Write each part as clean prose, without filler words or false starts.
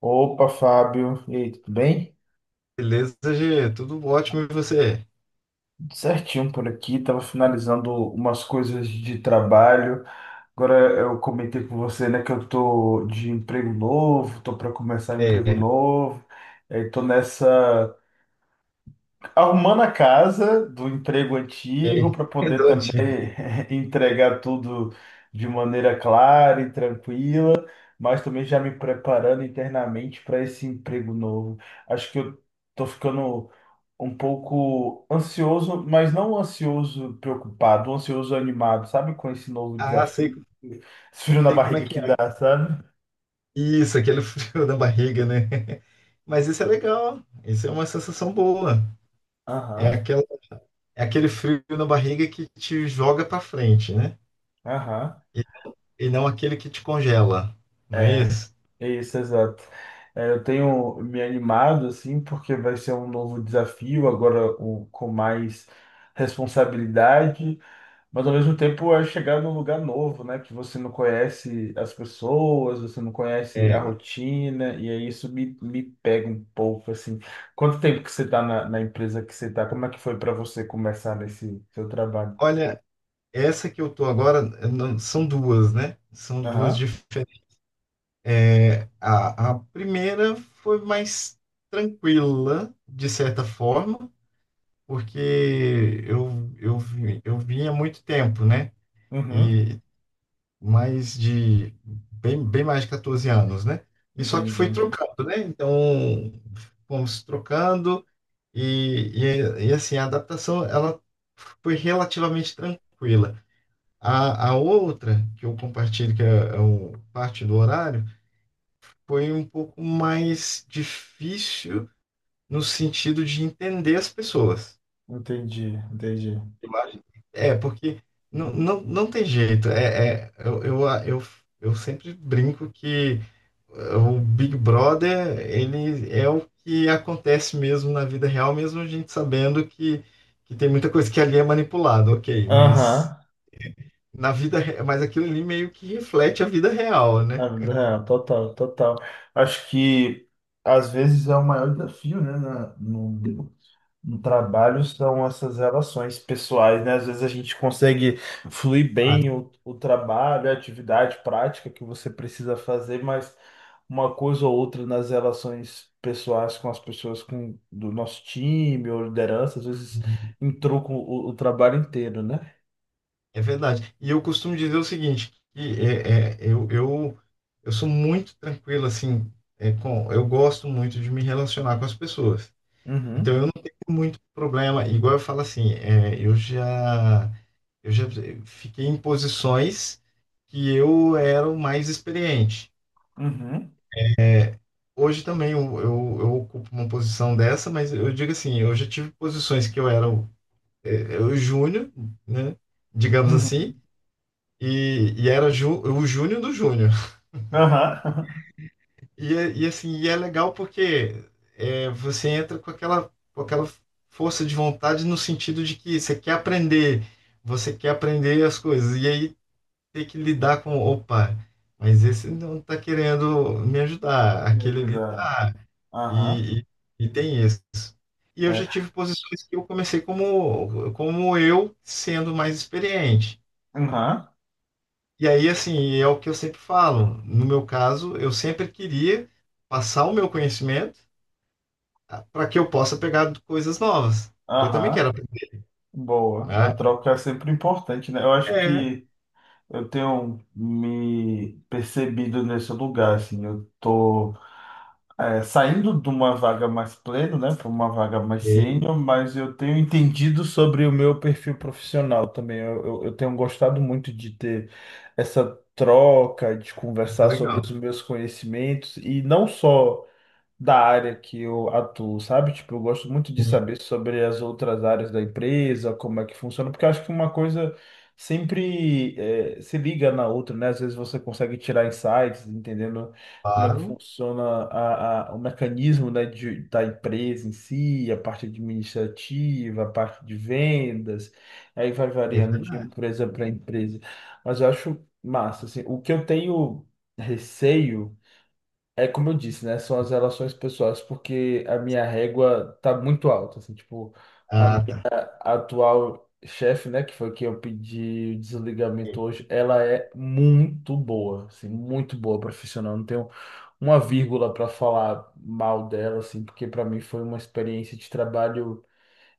Opa, Fábio. E aí, tudo bem? Beleza, G, tudo ótimo e você? Tudo certinho por aqui. Estava finalizando umas coisas de trabalho. Agora eu comentei com você, né, que eu tô de emprego novo, tô para começar um emprego É, novo. Estou nessa arrumando a casa do emprego antigo é, para é poder também doente. entregar tudo de maneira clara e tranquila, mas também já me preparando internamente para esse emprego novo. Acho que eu tô ficando um pouco ansioso, mas não ansioso preocupado, ansioso animado, sabe? Com esse novo Ah, sei, desafio, esse frio na sei como é barriga que que dá, é. sabe? Isso, aquele frio na barriga, né? Mas isso é legal, isso é uma sensação boa. É Aham. aquela, é aquele frio na barriga que te joga pra frente, né? Aham. E, e não aquele que te congela, não é É, isso? é isso, exato. É, eu tenho me animado, assim, porque vai ser um novo desafio, agora com mais responsabilidade, mas ao mesmo tempo é chegar num lugar novo, né? Que você não conhece as pessoas, você não conhece a É, rotina, e aí isso me pega um pouco, assim. Quanto tempo que você está na empresa que você está? Como é que foi para você começar nesse seu trabalho? olha, essa que eu tô agora, eu não- são duas, né? São duas Aham, diferentes. É, a primeira foi mais tranquila, de certa forma, porque eu vinha há muito tempo, né? uhum, E mais de bem, bem mais de 14 anos, né? E só que entendi, foi trocando, né? Então, fomos trocando e assim, a adaptação ela foi relativamente tranquila. A outra, que eu compartilho, que é, é o- parte do horário, foi um pouco mais difícil no sentido de entender as pessoas. entendi, entendi. Eu acho- É, porque não tem jeito. Eu sempre brinco que o Big Brother, ele é o que acontece mesmo na vida real, mesmo a gente sabendo que tem muita coisa que ali é manipulada, ok, mas Aham. Mas aquilo ali meio que reflete a vida real, né? Ah, não, total, total. Acho que às vezes é o maior desafio, né, no trabalho são essas relações pessoais, né? Às vezes a gente consegue fluir Ah, bem o trabalho, a atividade prática que você precisa fazer, mas uma coisa ou outra nas relações pessoais com as pessoas com, do nosso time ou liderança, às vezes entruca o trabalho inteiro, né? é verdade. E eu costumo dizer o seguinte, que eu sou muito tranquilo, assim, eu gosto muito de me relacionar com as pessoas. Então, Uhum, eu não tenho muito problema. Igual eu falo assim, eu já fiquei em posições que eu era o mais experiente. uhum, Hoje também eu ocupo uma posição dessa, mas eu digo assim, eu já tive posições que eu era o júnior, né? Digamos assim, uhum. e, era o Júnior do Júnior. Aham. E assim, e é legal porque você entra com aquela força de vontade no sentido de que você quer aprender as coisas, e aí tem que lidar com, opa, mas esse não está querendo me ajudar, Me aquele ali ajudar. tá, Aham. e, e, e tem isso. E eu já É. tive posições que eu comecei como, como eu sendo mais experiente. Aham, E aí, assim, é o que eu sempre falo. No meu caso, eu sempre queria passar o meu conhecimento para que eu possa pegar coisas novas, porque eu também quero aham, aprender, boa. A né? troca é sempre importante, né? Eu acho É, que eu tenho me percebido nesse lugar, assim. Eu tô saindo de uma vaga mais pleno, né, para uma vaga mais ok, sênior, mas eu tenho entendido sobre o meu perfil profissional também. Eu tenho gostado muito de ter essa troca, de é conversar sobre legal. os meus conhecimentos e não só da área que eu atuo, sabe? Tipo, eu gosto muito de Sim, saber sobre as outras áreas da empresa, como é que funciona, porque eu acho que uma coisa sempre se liga na outra, né? Às vezes você consegue tirar insights, entendendo como é que claro, funciona o mecanismo, né, da empresa em si, a parte administrativa, a parte de vendas, aí vai é variando de verdade. empresa para empresa. Mas eu acho massa, assim, o que eu tenho receio é como eu disse, né? São as relações pessoais, porque a minha régua tá muito alta, assim, tipo, a Ah, minha tá. atual chefe, né, que foi quem eu pedi o desligamento hoje, ela é muito boa, assim, muito boa profissional. Não tenho uma vírgula para falar mal dela, assim, porque para mim foi uma experiência de trabalho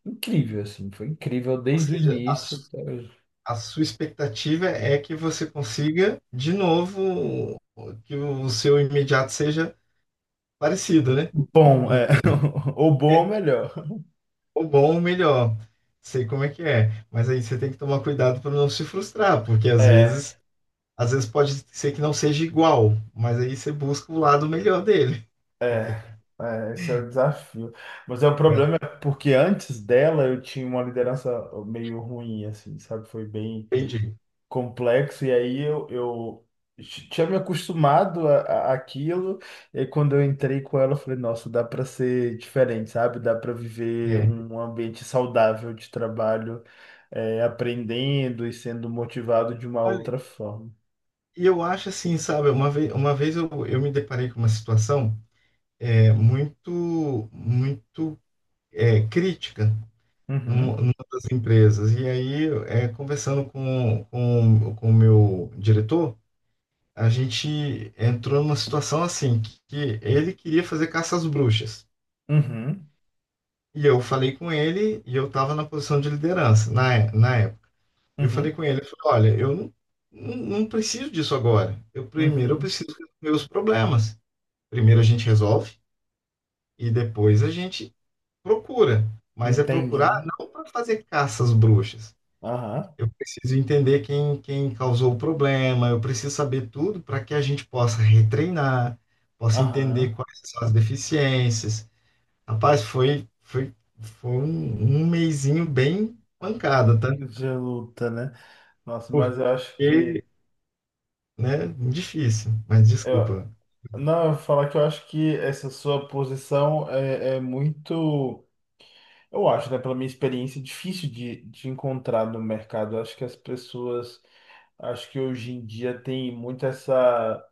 incrível, assim, foi incrível Ou desde o seja, início até hoje. a sua expectativa é que você consiga, de novo, que o seu imediato seja parecido, né? Bom, é. Ou bom melhor. O bom, o melhor. Sei como é que é. Mas aí você tem que tomar cuidado para não se frustrar, porque É. Às vezes pode ser que não seja igual, mas aí você busca o lado melhor dele. É, é, esse é o desafio. Mas é o É, problema é porque antes dela eu tinha uma liderança meio ruim, assim, sabe? Foi bem entendi. complexo, e aí eu tinha me acostumado a, àquilo, e aí quando eu entrei com ela, eu falei, nossa, dá para ser diferente, sabe? Dá para viver É. um ambiente saudável de trabalho, aprendendo e sendo motivado de uma Olha, outra forma. e eu acho assim, sabe, uma vez eu me deparei com uma situação muito crítica Uhum, numa das empresas. E aí, é, conversando com o meu diretor, a gente entrou numa situação assim, que ele queria fazer caça às bruxas. uhum, E eu falei com ele, e eu estava na posição de liderança na época. Eu falei uhum, com ele, eu falei, olha, eu não, não, não preciso disso agora. Eu primeiro eu uhum. preciso resolver os problemas. Primeiro a gente resolve e depois a gente procura. Mas é Entende, procurar né? não para fazer caça às bruxas. Aham. Eu preciso entender quem, quem causou o problema, eu preciso saber tudo para que a gente possa retreinar, possa Aham, entender quais são as deficiências. Rapaz, foi um mesinho bem pancada, tá? de luta, né? Nossa, mas eu acho Porque, que. né, difícil, mas Eu, desculpa. não, eu vou falar que eu acho que essa sua posição é, é muito. Eu acho, né? Pela minha experiência, difícil de encontrar no mercado. Eu acho que as pessoas. Acho que hoje em dia tem muito essa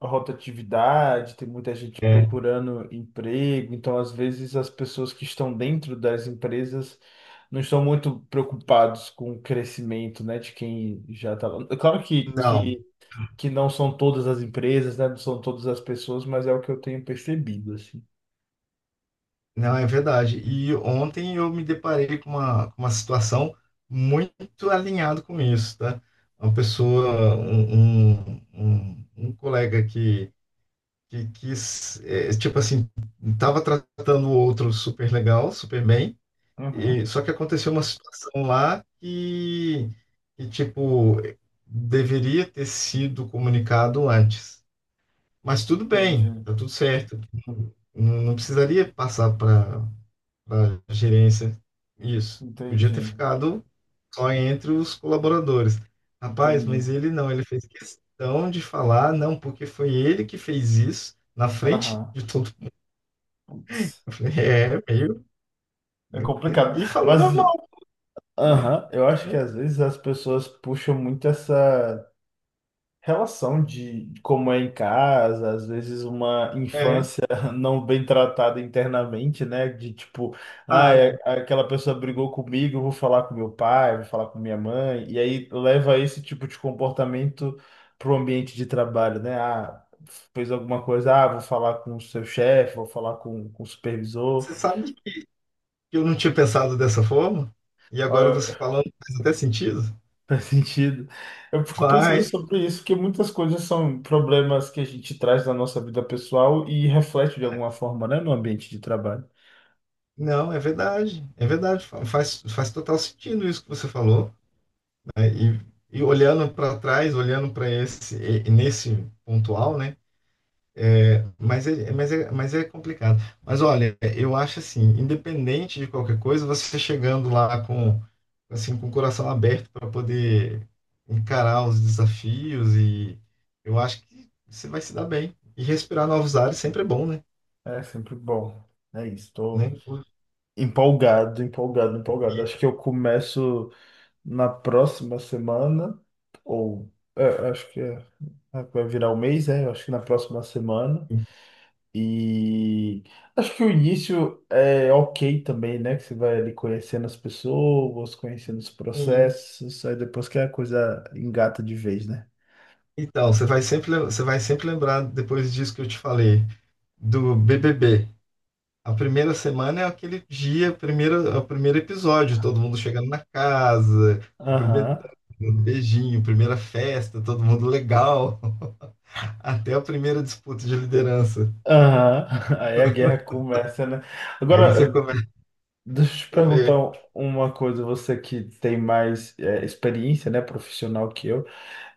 rotatividade, tem muita gente É, procurando emprego, então às vezes as pessoas que estão dentro das empresas não estão muito preocupados com o crescimento, né, de quem já está lá. É claro que, não, não são todas as empresas, né, não são todas as pessoas, mas é o que eu tenho percebido, assim. não é verdade. E ontem eu me deparei com uma situação muito alinhada com isso, tá? Uma pessoa, um um colega que quis, é, tipo assim, estava tratando o outro super legal, super bem, e, Uhum, só que aconteceu uma situação lá que, tipo, deveria ter sido comunicado antes. Mas tudo bem, entendi, tá tudo certo. Não precisaria passar para a gerência isso. Podia ter entendi, ficado só entre os colaboradores. Rapaz, mas entendi. ele não, ele fez questão de falar, não, porque foi ele que fez isso na frente Aham, de todo putz, eu falei, é, meio. é complicado. E falou Mas, normal, aham, eu acho que né? às vezes as pessoas puxam muito essa relação de como é em casa, às vezes uma É. infância não bem tratada internamente, né? De tipo, ah, Ah, aquela pessoa brigou comigo, eu vou falar com meu pai, vou falar com minha mãe, e aí leva esse tipo de comportamento para o ambiente de trabalho, né? Ah, fez alguma coisa, ah, vou falar com o seu chefe, vou falar com o supervisor. você sabe que eu não tinha pensado dessa forma? E agora você falando faz até sentido? Faz sentido. Eu fico pensando Faz. sobre isso, porque muitas coisas são problemas que a gente traz da nossa vida pessoal e reflete de alguma forma, né, no ambiente de trabalho. Não, é verdade. É verdade. Faz, faz total sentido isso que você falou. É, e olhando para trás, olhando para esse, nesse pontual, né? Mas é, mas é, mas é complicado. Mas olha, eu acho assim, independente de qualquer coisa, você chegando lá com assim com o coração aberto para poder encarar os desafios e eu acho que você vai se dar bem. E respirar novos ares sempre é bom, né? É sempre bom. É isso, estou Né? empolgado, empolgado, empolgado. Acho que eu começo na próxima semana, ou acho que vai virar o mês, acho que na próxima semana. E acho que o início é ok também, né? Que você vai ali conhecendo as pessoas, conhecendo os E- processos, aí depois que a coisa engata de vez, né? então, você vai sempre, você vai sempre lembrar depois disso que eu te falei, do BBB. A primeira semana é aquele dia, primeiro, é o primeiro episódio, todo mundo chegando na casa, com Aham, Notejinho, primeira festa, todo mundo legal, até a primeira disputa de liderança. aham. Aí a guerra começa, né? Aí você Agora, começa deixa eu te a perguntar ver, uma coisa, você que tem mais experiência, né, profissional que eu.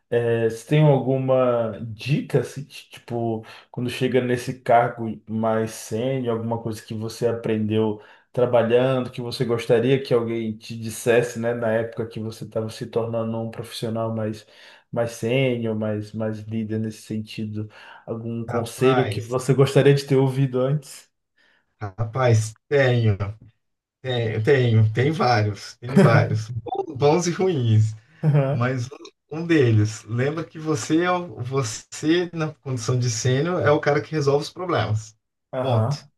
É, você tem alguma dica, assim, tipo, quando chega nesse cargo mais sênior, alguma coisa que você aprendeu trabalhando, que você gostaria que alguém te dissesse, né, na época que você estava se tornando um profissional mais, mais sênior, mais, mais líder nesse sentido? Algum conselho que rapaz, você gostaria de ter ouvido antes? rapaz, tenho, tenho, tenho, tem vários, bons, bons e ruins, mas um deles, lembra que você, você, na condição de sênior, é o cara que resolve os problemas, Aham, ponto. aham,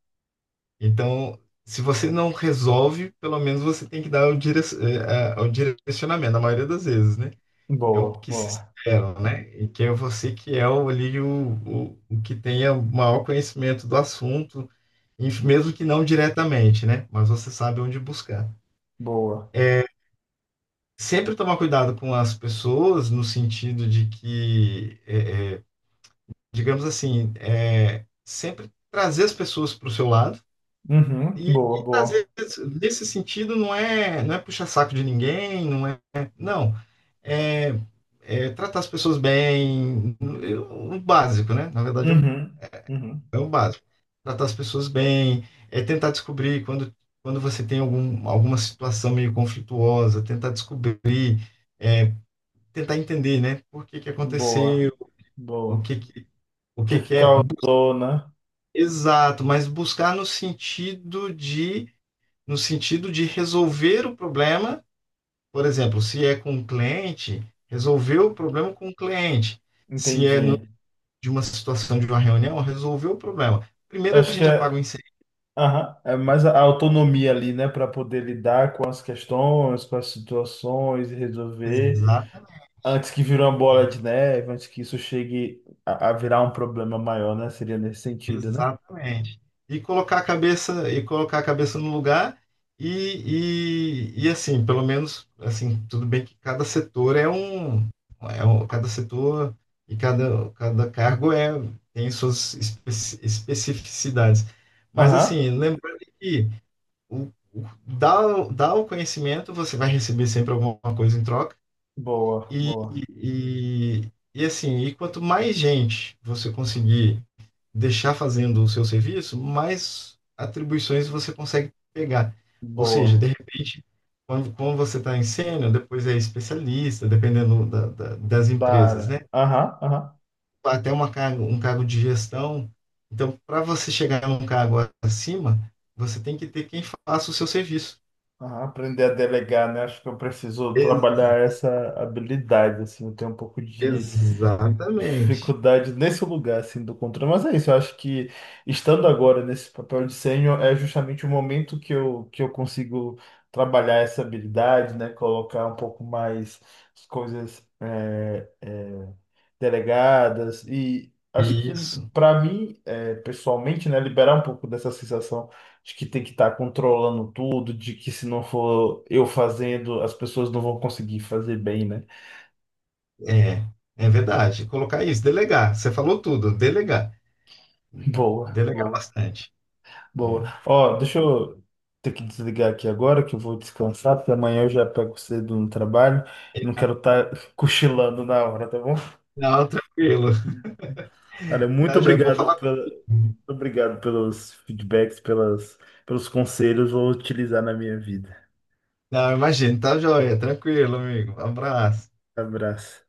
Então, se você não resolve, pelo menos você tem que dar o direcionamento, na maioria das vezes, né? É o boa, que se espera, né? E que é você que é o que tenha o maior conhecimento do assunto, e mesmo que não diretamente, né? Mas você sabe onde buscar. boa, Sempre tomar cuidado com as pessoas, no sentido de que, digamos assim, é, sempre trazer as pessoas para o seu lado. uhum, boa, Às boa, vezes, nesse sentido, não é puxar saco de ninguém, não é. Não. É, é tratar as pessoas bem, o básico, né? Na verdade, uhum, uhum, é o básico. Tratar as pessoas bem, é tentar descobrir quando, quando você tem algum, alguma situação meio conflituosa, tentar descobrir, é, tentar entender, né? Por que que boa, aconteceu, o boa. que que, o O que que que que é. Causou, né? Exato, mas buscar no sentido de no sentido de resolver o problema, por exemplo, se é com um cliente, resolver o problema com o cliente. Se é no- Entendi. de uma situação de uma reunião, resolver o problema. Primeiro a Acho que gente apaga o incêndio. aham, é mais a autonomia ali, né? Para poder lidar com as questões, com as situações e resolver Exatamente. antes que vire uma bola de neve, antes que isso chegue a, virar um problema maior, né? Seria nesse sentido, né? Exatamente. E colocar a cabeça e colocar a cabeça no lugar e assim, pelo menos assim, tudo bem que cada setor é um cada setor e cada, cada cargo é tem suas especificidades. Mas Aham. assim, lembrando que o, dá, dá o conhecimento, você vai receber sempre alguma coisa em troca Boa, e, boa, e assim, e quanto mais gente você conseguir deixar fazendo o seu serviço, mais atribuições você consegue pegar. Ou seja, de boa. repente, quando você está em sênior, depois é especialista, dependendo das Da empresas, né? área. Aham, aham. Um cargo de gestão. Então, para você chegar num cargo acima, você tem que ter quem faça o seu serviço. Aham. Aprender a delegar, né? Acho que eu preciso E- trabalhar essa habilidade, assim, eu tenho um pouco de Exatamente. dificuldade nesse lugar assim do controle, mas é isso, eu acho que estando agora nesse papel de sênior é justamente o momento que eu consigo trabalhar essa habilidade, né, colocar um pouco mais as coisas delegadas e acho que Isso. para mim é, pessoalmente, né, liberar um pouco dessa sensação de que tem que estar controlando tudo, de que se não for eu fazendo, as pessoas não vão conseguir fazer bem, né? É, é verdade. Colocar isso, delegar. Você falou tudo, delegar. Boa, Delegar boa. bastante. Boa. É. Ó, deixa eu ter que desligar aqui agora, que eu vou descansar, porque amanhã eu já pego cedo no trabalho. Não quero estar cochilando na hora, tá bom? Não, tranquilo. Olha, Tá, joia. Vou falar com... muito obrigado pelos feedbacks, pelas, pelos conselhos, vou utilizar na minha vida. Não, imagina, tá, joia. Tranquilo, amigo. Um abraço. Abraço.